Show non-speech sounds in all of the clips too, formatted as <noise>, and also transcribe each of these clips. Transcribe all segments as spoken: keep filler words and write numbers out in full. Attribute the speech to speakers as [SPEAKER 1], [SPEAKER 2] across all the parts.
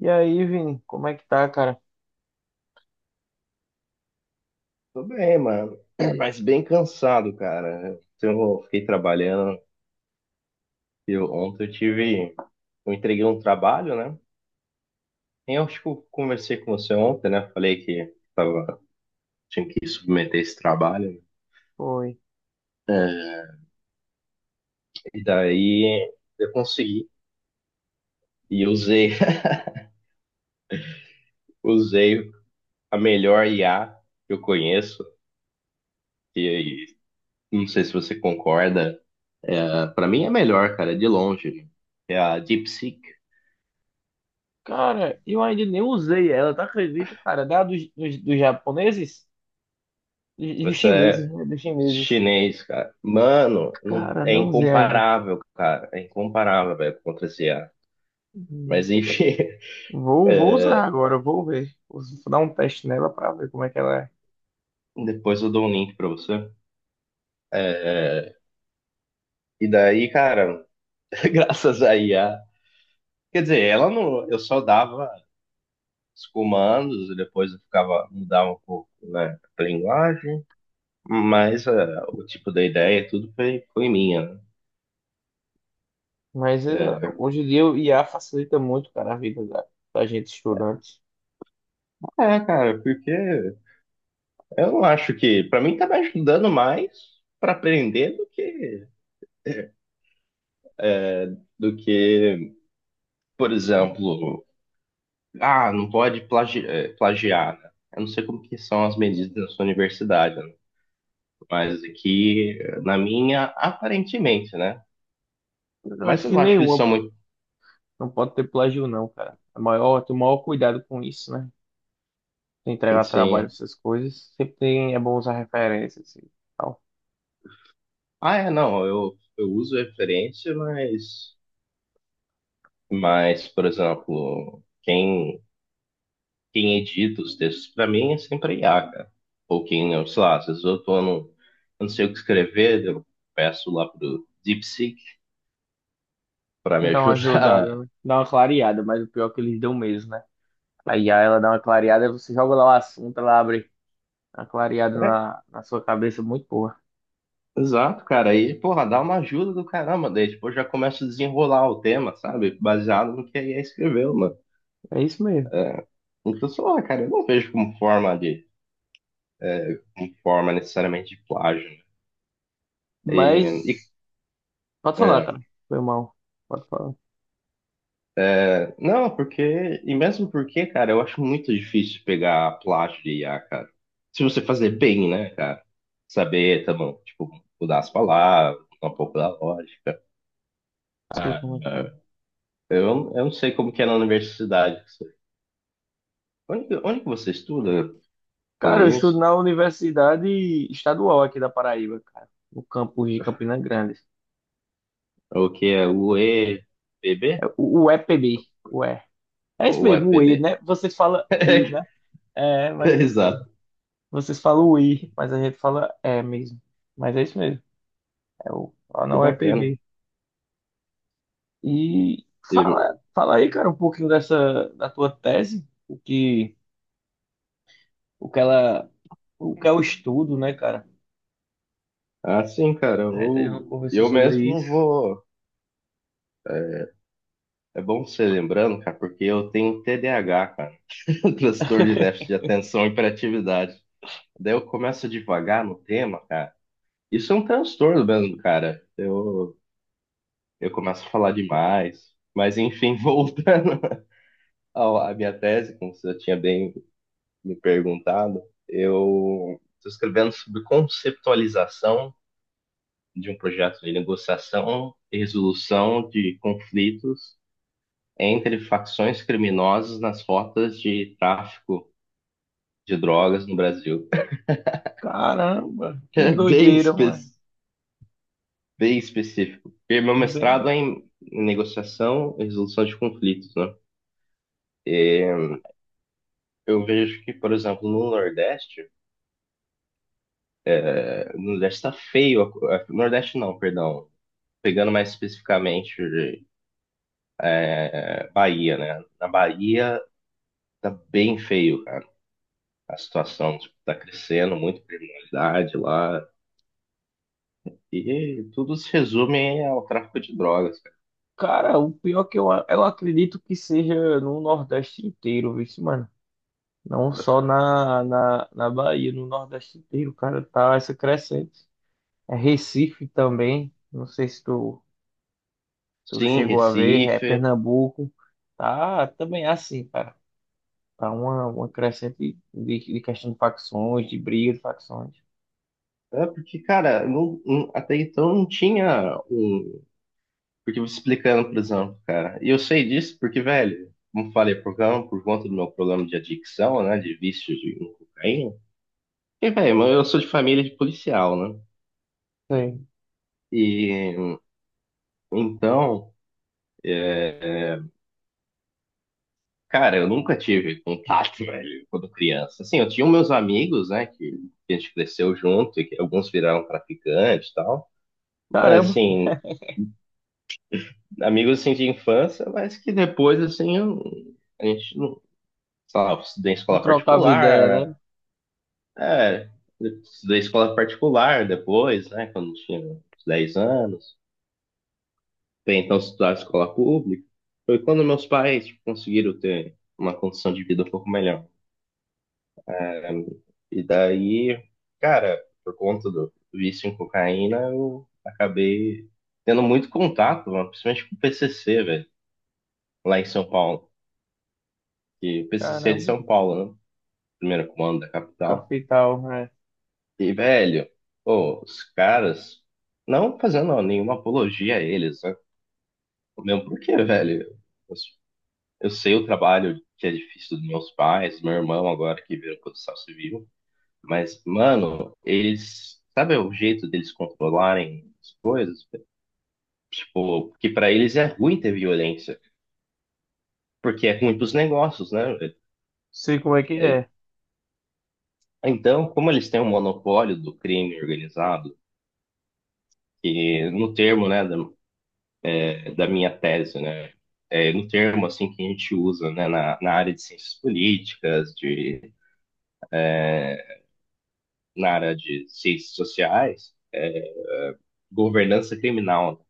[SPEAKER 1] E aí, Vini, como é que tá, cara?
[SPEAKER 2] Tô bem, mano. <clears throat> Mas bem cansado, cara. Eu fiquei trabalhando. Eu, ontem eu tive. Eu entreguei um trabalho, né? E eu acho que eu conversei com você ontem, né? Falei que tava, tinha que submeter esse trabalho.
[SPEAKER 1] Foi.
[SPEAKER 2] É. E daí eu consegui. E usei, <laughs> usei a melhor I A que eu conheço. E, e não sei se você concorda. É, para mim é a melhor, cara, de longe. É a DeepSeek.
[SPEAKER 1] Cara, eu ainda nem usei ela, tá acredita, cara? Da dos, dos, dos japoneses? Dos, dos
[SPEAKER 2] Essa
[SPEAKER 1] chineses,
[SPEAKER 2] é,
[SPEAKER 1] né? Dos chineses.
[SPEAKER 2] Chinês, cara. Mano, não-
[SPEAKER 1] Cara,
[SPEAKER 2] é
[SPEAKER 1] não usei ainda.
[SPEAKER 2] incomparável, cara. É incomparável, velho, contra esse I A.
[SPEAKER 1] Hum.
[SPEAKER 2] Mas enfim, <laughs>
[SPEAKER 1] Vou, vou usar
[SPEAKER 2] é,
[SPEAKER 1] agora, vou ver. Vou dar um teste nela pra ver como é que ela é.
[SPEAKER 2] depois eu dou um link pra você. É, e daí, cara, <laughs> graças a I A. Quer dizer, ela não. Eu só dava os comandos e depois eu ficava, mudava um pouco, né, a linguagem. Mas é, o tipo da ideia, tudo foi, foi minha. né?
[SPEAKER 1] Mas ela, hoje em dia o I A facilita muito, cara, a vida da, da gente estudante.
[SPEAKER 2] É, cara, porque eu não acho que. Pra mim tá me ajudando mais pra aprender do que. do que, por exemplo, ah, não pode plagi- eh, plagiar, né? Eu não sei como que são as medidas na sua universidade, né? Mas aqui, eh, na minha, aparentemente, né?
[SPEAKER 1] Eu
[SPEAKER 2] Mas
[SPEAKER 1] acho
[SPEAKER 2] eu
[SPEAKER 1] que
[SPEAKER 2] não acho que eles
[SPEAKER 1] nenhuma
[SPEAKER 2] são muito,
[SPEAKER 1] não pode ter plágio, não, cara. É maior, tem o maior cuidado com isso, né? Entregar trabalho,
[SPEAKER 2] assim...
[SPEAKER 1] essas coisas, sempre tem- é bom usar referências e tal.
[SPEAKER 2] Ah, é, não, eu, eu uso referência, mas... Mas, por exemplo, quem, quem edita os textos para mim é sempre I a I A, cara. Ou quem, eu sei lá, às vezes eu tô no... Eu não sei o que escrever, eu peço lá pro DeepSeek para me
[SPEAKER 1] Dá uma ajudada,
[SPEAKER 2] ajudar.
[SPEAKER 1] né? Dá uma clareada, mas o pior é que eles dão mesmo, né? Aí ela dá uma clareada, você joga lá o assunto, ela abre uma clareada
[SPEAKER 2] <laughs>
[SPEAKER 1] na, na sua cabeça, muito boa.
[SPEAKER 2] Exato, cara. Aí, porra, dá uma ajuda do caramba. Daí, tipo, eu já começo a desenrolar o tema, sabe? Baseado no que a I A escreveu, mano.
[SPEAKER 1] É isso mesmo.
[SPEAKER 2] Então, sei lá, cara, eu não vejo como forma de, como forma necessariamente de plágio. né? E, e-
[SPEAKER 1] Mas, pode falar,
[SPEAKER 2] é,
[SPEAKER 1] cara. Foi mal. Pode falar. Não
[SPEAKER 2] é, não, porque, e mesmo porque, cara, eu acho muito difícil pegar plágio de I A, cara. Se você fazer bem, né, cara? Saber, tá bom, tipo, mudar as palavras, mudar um pouco da lógica.
[SPEAKER 1] sei
[SPEAKER 2] Ah,
[SPEAKER 1] como é que é.
[SPEAKER 2] eu, eu não sei como que é na universidade. Onde, que- onde que você estuda?
[SPEAKER 1] Cara,
[SPEAKER 2] Falando
[SPEAKER 1] eu estudo
[SPEAKER 2] nisso,
[SPEAKER 1] na Universidade Estadual aqui da Paraíba, cara. No campus de Campina Grande.
[SPEAKER 2] é o que é o E P B?
[SPEAKER 1] É o o E P B. É isso
[SPEAKER 2] Ou
[SPEAKER 1] mesmo, o I,
[SPEAKER 2] E P B?
[SPEAKER 1] né? Vocês falam I,
[SPEAKER 2] <laughs>
[SPEAKER 1] né? É, mas é isso mesmo.
[SPEAKER 2] Exato,
[SPEAKER 1] Vocês falam o I, mas a gente fala é mesmo. Mas é isso mesmo. É o, lá
[SPEAKER 2] que
[SPEAKER 1] não é
[SPEAKER 2] bacana.
[SPEAKER 1] P B. E
[SPEAKER 2] E,
[SPEAKER 1] fala, fala aí, cara, um pouquinho dessa da tua tese, o que, o que ela, o que é o estudo, né, cara?
[SPEAKER 2] ah, cara,
[SPEAKER 1] A gente ainda
[SPEAKER 2] eu,
[SPEAKER 1] não conversou
[SPEAKER 2] eu
[SPEAKER 1] sobre
[SPEAKER 2] mesmo
[SPEAKER 1] isso.
[SPEAKER 2] vou. É bom você lembrando, cara, porque eu tenho T D A H, cara, <laughs> transtorno de déficit de
[SPEAKER 1] <laughs>
[SPEAKER 2] atenção e hiperatividade. Daí eu começo a divagar no tema, cara. Isso é um transtorno mesmo, cara. Eu, eu começo a falar demais. Mas enfim, <laughs> voltando ao- à minha tese, como você já tinha bem me perguntado, eu estou escrevendo sobre conceptualização de um projeto de negociação e resolução de conflitos entre facções criminosas nas rotas de tráfico de drogas no Brasil.
[SPEAKER 1] Caramba, que
[SPEAKER 2] É <laughs> bem,
[SPEAKER 1] doideira,
[SPEAKER 2] espe
[SPEAKER 1] mano.
[SPEAKER 2] bem específico. Porque meu
[SPEAKER 1] Bem,
[SPEAKER 2] mestrado é em negociação e resolução de conflitos, né? E eu vejo que, por exemplo, no Nordeste, eh, no Nordeste está feio, a Nordeste não, perdão, pegando mais especificamente Bahia, né? Na Bahia tá bem feio, cara. A situação, tipo, tá crescendo, muito criminalidade lá. E tudo se resume ao tráfico de drogas, cara.
[SPEAKER 1] cara, o pior é que eu, eu acredito que seja no Nordeste inteiro, viu, mano? Não só na, na, na Bahia, no Nordeste inteiro, cara, tá, essa é crescente. É Recife também, não sei se tu, tu
[SPEAKER 2] Sim,
[SPEAKER 1] chegou a ver, é
[SPEAKER 2] Recife.
[SPEAKER 1] Pernambuco, tá também é assim, cara. Tá uma, uma crescente de, de questão de facções, de briga de facções.
[SPEAKER 2] É porque, cara, não- não- até então não tinha um. Porque eu vou explicando, por exemplo, cara. E eu sei disso porque, velho, como falei, por, causa- por conta do meu problema de adicção, né? De vício de cocaína. E, velho, eu sou de família de policial, né?
[SPEAKER 1] Sei.
[SPEAKER 2] E então. é, Cara, eu nunca tive contato, <laughs> velho, quando criança. Assim, eu tinha meus amigos, né, que que a gente cresceu junto, e que alguns viraram traficantes e tal. Mas,
[SPEAKER 1] Caramba,
[SPEAKER 2] assim, amigos, assim, de infância, mas que depois, assim, eu- a gente, não- sei lá, eu estudei em
[SPEAKER 1] não
[SPEAKER 2] escola
[SPEAKER 1] trocava ideia, né?
[SPEAKER 2] particular, é, eu estudei em escola particular depois, né, quando tinha uns dez anos. Até então, estudar em escola pública. Foi quando meus pais, tipo, conseguiram ter uma condição de vida um pouco melhor. Um, E daí, cara, por conta do vício em cocaína, eu acabei tendo muito contato, mano, principalmente com o P C C, velho, lá em São Paulo. E o P C C é de
[SPEAKER 1] Caramba,
[SPEAKER 2] São Paulo, né? Primeiro comando da capital.
[SPEAKER 1] capital, né?
[SPEAKER 2] E, velho, pô, os caras, não fazendo nenhuma apologia a eles, né? Mesmo porque, velho, eu, eu sei o trabalho que é difícil dos meus pais, meu irmão agora que virou construção civil. Mas, mano, eles. Sabe o jeito deles controlarem as coisas? Tipo, que pra eles é ruim ter violência, porque é ruim pros negócios, né?
[SPEAKER 1] Sei como é que
[SPEAKER 2] É- é,
[SPEAKER 1] é,
[SPEAKER 2] Então, como eles têm um monopólio do crime organizado, que no termo, né, da, da minha tese, né? É, no termo, assim, que a gente usa, né, na, na área de ciências políticas, de, na área de ciências sociais, governança criminal.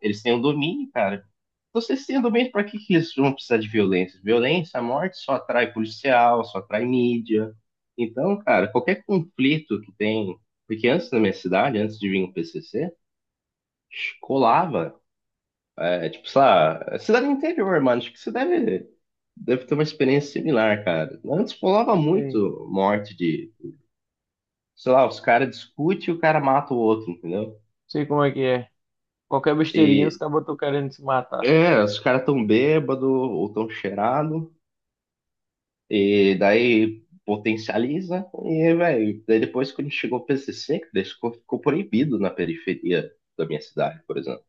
[SPEAKER 2] Eles têm o domínio, cara. Você sendo bem, para que que eles vão precisar de violência? Violência, a morte só atrai policial, só atrai mídia. Então, cara, qualquer conflito que tem. Porque antes na minha cidade, antes de vir o P C C, colava. É, tipo, sei lá, é cidade do interior, mano. Acho que você deve, deve ter uma experiência similar, cara. Antes colava
[SPEAKER 1] sei,
[SPEAKER 2] muito morte de. Sei lá, os caras discutem e o cara mata o outro, entendeu?
[SPEAKER 1] sei como é que é. Qualquer besteirinha, os
[SPEAKER 2] E
[SPEAKER 1] caras estão querendo se matar.
[SPEAKER 2] é, os caras tão bêbado ou tão cheirado. E daí potencializa e, velho, daí depois quando chegou o P C C, que daí ficou, ficou proibido na periferia da minha cidade, por exemplo.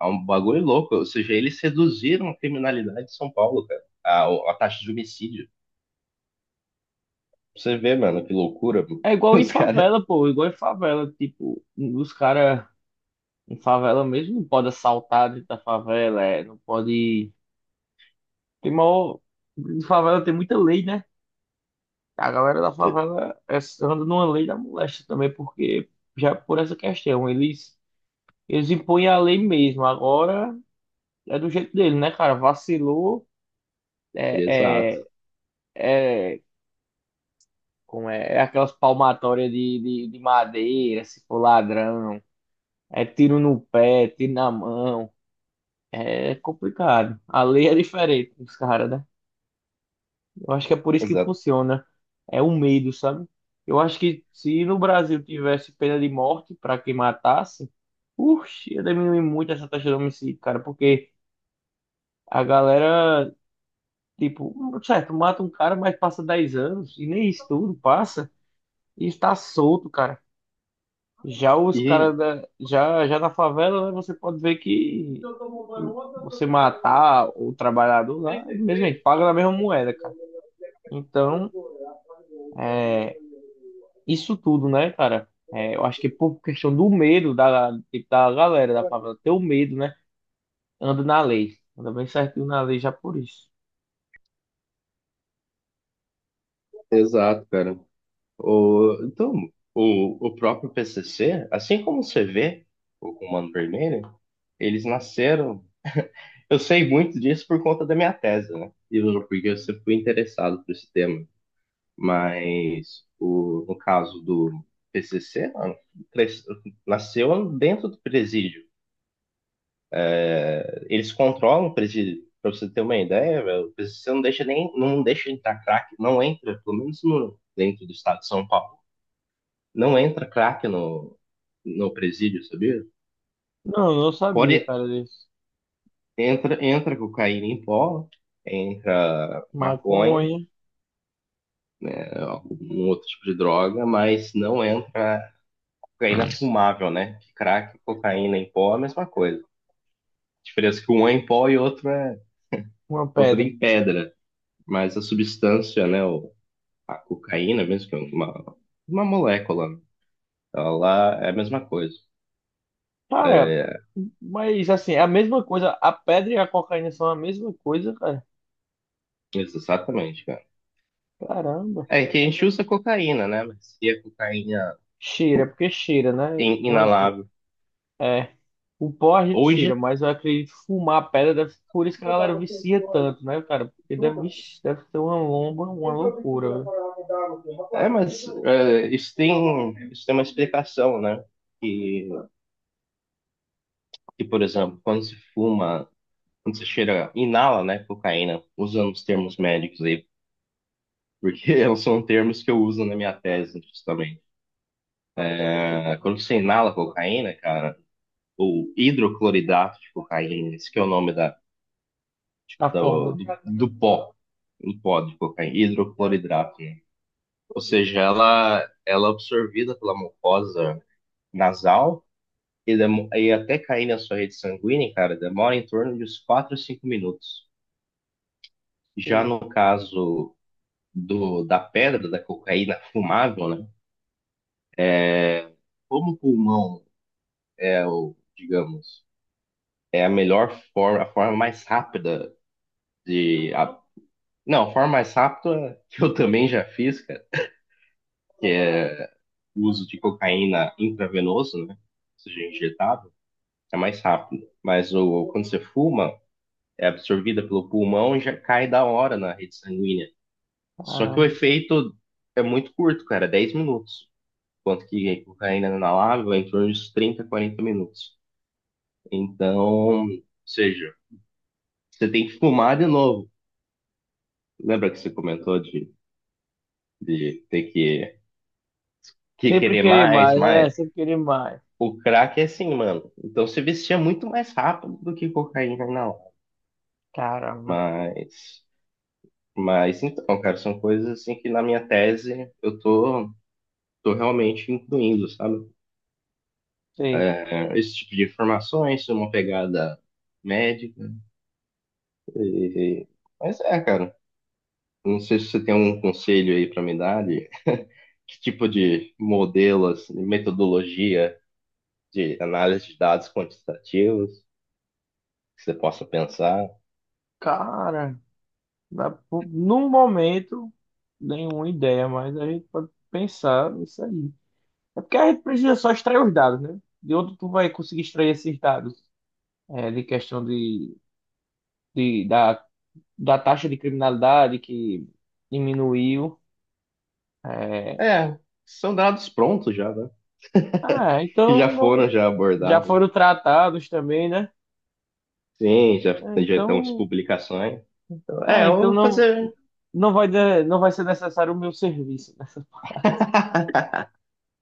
[SPEAKER 2] É um bagulho louco, ou seja, eles reduziram a criminalidade de São Paulo, cara, a, a taxa de homicídio. Você vê, mano, que loucura, mano.
[SPEAKER 1] É
[SPEAKER 2] <laughs>
[SPEAKER 1] igual em
[SPEAKER 2] os caras...
[SPEAKER 1] favela, pô, igual em favela, tipo, os caras em favela mesmo não pode assaltar dentro da favela, é, não pode. Tem maior. Em favela tem muita lei, né? A galera da favela é, anda numa lei da moléstia também, porque já é por essa questão, eles, eles impõem a lei mesmo, agora é do jeito dele, né, cara? Vacilou, é,
[SPEAKER 2] Exato,
[SPEAKER 1] é, é, como é, é aquelas palmatórias de, de, de madeira, se for ladrão, é tiro no pé, tiro na mão. É complicado. A lei é diferente dos caras, né? Eu acho que é por isso que
[SPEAKER 2] exato.
[SPEAKER 1] funciona. É o medo, sabe? Eu acho que se no Brasil tivesse pena de morte para quem matasse, uxe, ia diminuir muito essa taxa de homicídio, cara, porque a galera, tipo, certo, mata um cara, mas passa dez anos e nem isso tudo passa e está solto, cara. Já os
[SPEAKER 2] E,
[SPEAKER 1] caras da, já, já na favela, né, você pode ver que você matar o trabalhador lá, mesmo ele paga na mesma moeda, cara. Então, é, isso tudo, né, cara? É, eu acho que por questão do medo da, tipo, da galera da favela, ter o medo, né? Anda na lei. Anda bem certinho na lei já por isso.
[SPEAKER 2] exato, cara. O, então, o, o próprio P C C, assim como você vê o Comando Vermelho, eles nasceram. Eu sei muito disso por conta da minha tese, né? E eu- porque eu sempre fui interessado por esse tema. Mas o, no caso do P C C, mano, cres- nasceu dentro do presídio. Eles controlam o presídio. Pra você ter uma ideia, velho, o P C C não deixa nem, não deixa entrar crack, não entra, pelo menos no, dentro do estado de São Paulo, não entra crack no, no presídio, sabia?
[SPEAKER 1] Não, eu não sabia,
[SPEAKER 2] Pode,
[SPEAKER 1] cara, disso.
[SPEAKER 2] entra, entra cocaína em pó, entra maconha,
[SPEAKER 1] Maconha,
[SPEAKER 2] né, um outro tipo de droga, mas não entra cocaína fumável, né? Que crack, cocaína em pó é a mesma coisa. A diferença é que um é em pó e outro é,
[SPEAKER 1] uma
[SPEAKER 2] outro é
[SPEAKER 1] pedra.
[SPEAKER 2] em pedra, mas a substância, né, o- a cocaína mesmo, que é uma, uma molécula, né, ela é a mesma coisa.
[SPEAKER 1] Cara,
[SPEAKER 2] É,
[SPEAKER 1] mas assim, é a mesma coisa. A pedra e a cocaína são a mesma coisa, cara.
[SPEAKER 2] exatamente, cara.
[SPEAKER 1] Caramba.
[SPEAKER 2] É que a gente usa cocaína, né? Mas se a cocaína
[SPEAKER 1] Cheira, porque cheira, né?
[SPEAKER 2] in-
[SPEAKER 1] Uma-
[SPEAKER 2] inalável.
[SPEAKER 1] é, o pó a gente cheira,
[SPEAKER 2] Hoje,
[SPEAKER 1] mas eu acredito que fumar a pedra, deve, por isso que a galera vicia tanto, né, cara? Porque deve, vixe, deve ser uma lomba, uma loucura, viu?
[SPEAKER 2] é, mas é, isso tem, isso tem uma explicação, né? Que que, por exemplo, quando se fuma, quando se cheira, inala, né, cocaína, usando os termos médicos aí, porque <laughs> são termos que eu uso na minha tese, justamente. É, quando você inala cocaína, cara, ou hidrocloridato de cocaína, esse que é o nome da,
[SPEAKER 1] A
[SPEAKER 2] do,
[SPEAKER 1] fórmula.
[SPEAKER 2] do, do pó, do pó de cocaína, hidrocloridrato, né? Ou seja, ela, ela é absorvida pela mucosa nasal e, demo- e até cair na sua rede sanguínea, cara, demora em torno de uns quatro a cinco minutos. Já
[SPEAKER 1] Sim.
[SPEAKER 2] no caso do, da pedra, da cocaína fumável, né? Como o pulmão é o, digamos, é a melhor forma, a forma mais rápida de. A- não, a forma mais rápida que eu também já fiz, cara, que é o uso de cocaína intravenoso, né? Ou seja, injetável, é mais rápido. Mas o, quando você fuma, é absorvida pelo pulmão e já cai da hora na rede sanguínea. Só que o
[SPEAKER 1] Caramba.
[SPEAKER 2] efeito é muito curto, cara, dez minutos, quanto que a cocaína inalável é em torno de trinta, quarenta minutos. Então, ou seja, você tem que fumar de novo. Lembra que você comentou de, de ter que, que
[SPEAKER 1] Sempre
[SPEAKER 2] querer
[SPEAKER 1] querer
[SPEAKER 2] mais,
[SPEAKER 1] mais, né?
[SPEAKER 2] mais?
[SPEAKER 1] Sempre querer mais.
[SPEAKER 2] O crack é assim, mano. Então você vestia muito mais rápido do que cocaína inalável.
[SPEAKER 1] Caramba.
[SPEAKER 2] Mas, mas então, cara, são coisas assim que na minha tese eu tô, tô realmente incluindo, sabe?
[SPEAKER 1] Sei.
[SPEAKER 2] É, esse tipo de informações, uma pegada médica. e- mas é, Cara, não sei se você tem um conselho aí para me dar de que tipo de modelos, de metodologia de análise de dados quantitativos que você possa pensar.
[SPEAKER 1] Cara, na- no momento, nenhuma ideia, mas a gente pode pensar nisso aí. É porque a gente precisa só extrair os dados, né? De onde tu vai conseguir extrair esses dados? É, de questão de, de- da, da taxa de criminalidade que diminuiu. É.
[SPEAKER 2] É, são dados prontos já, né? <laughs>
[SPEAKER 1] Ah,
[SPEAKER 2] Que já
[SPEAKER 1] então não,
[SPEAKER 2] foram já
[SPEAKER 1] já
[SPEAKER 2] abordados.
[SPEAKER 1] foram tratados também, né?
[SPEAKER 2] Sim, já,
[SPEAKER 1] Ah,
[SPEAKER 2] já estão as
[SPEAKER 1] então,
[SPEAKER 2] publicações. Então,
[SPEAKER 1] ah,
[SPEAKER 2] é, eu
[SPEAKER 1] então
[SPEAKER 2] vou
[SPEAKER 1] não,
[SPEAKER 2] fazer.
[SPEAKER 1] não vai, de- não vai ser necessário o meu serviço, né? <laughs>
[SPEAKER 2] <laughs>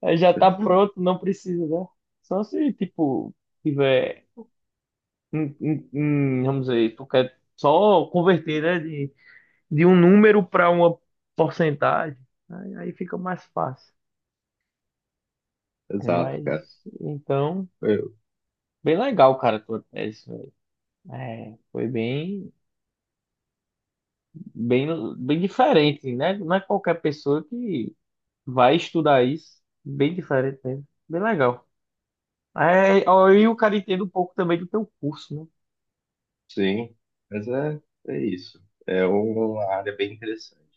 [SPEAKER 1] Aí já tá pronto, não precisa, né? Só se, tipo, tiver, hum, hum, hum, vamos dizer, tu quer só converter, né, de, de um número para uma porcentagem, aí, aí fica mais fácil.
[SPEAKER 2] Exato,
[SPEAKER 1] Mas,
[SPEAKER 2] cara.
[SPEAKER 1] então,
[SPEAKER 2] Eu-
[SPEAKER 1] bem legal, cara, a tua tese, velho. É, foi bem, bem, bem diferente, né? Não é qualquer pessoa que vai estudar isso. Bem diferente mesmo. Bem legal. É, ó, e o cara entende um pouco também do teu curso, né
[SPEAKER 2] sim, mas é, é isso. É uma área bem interessante.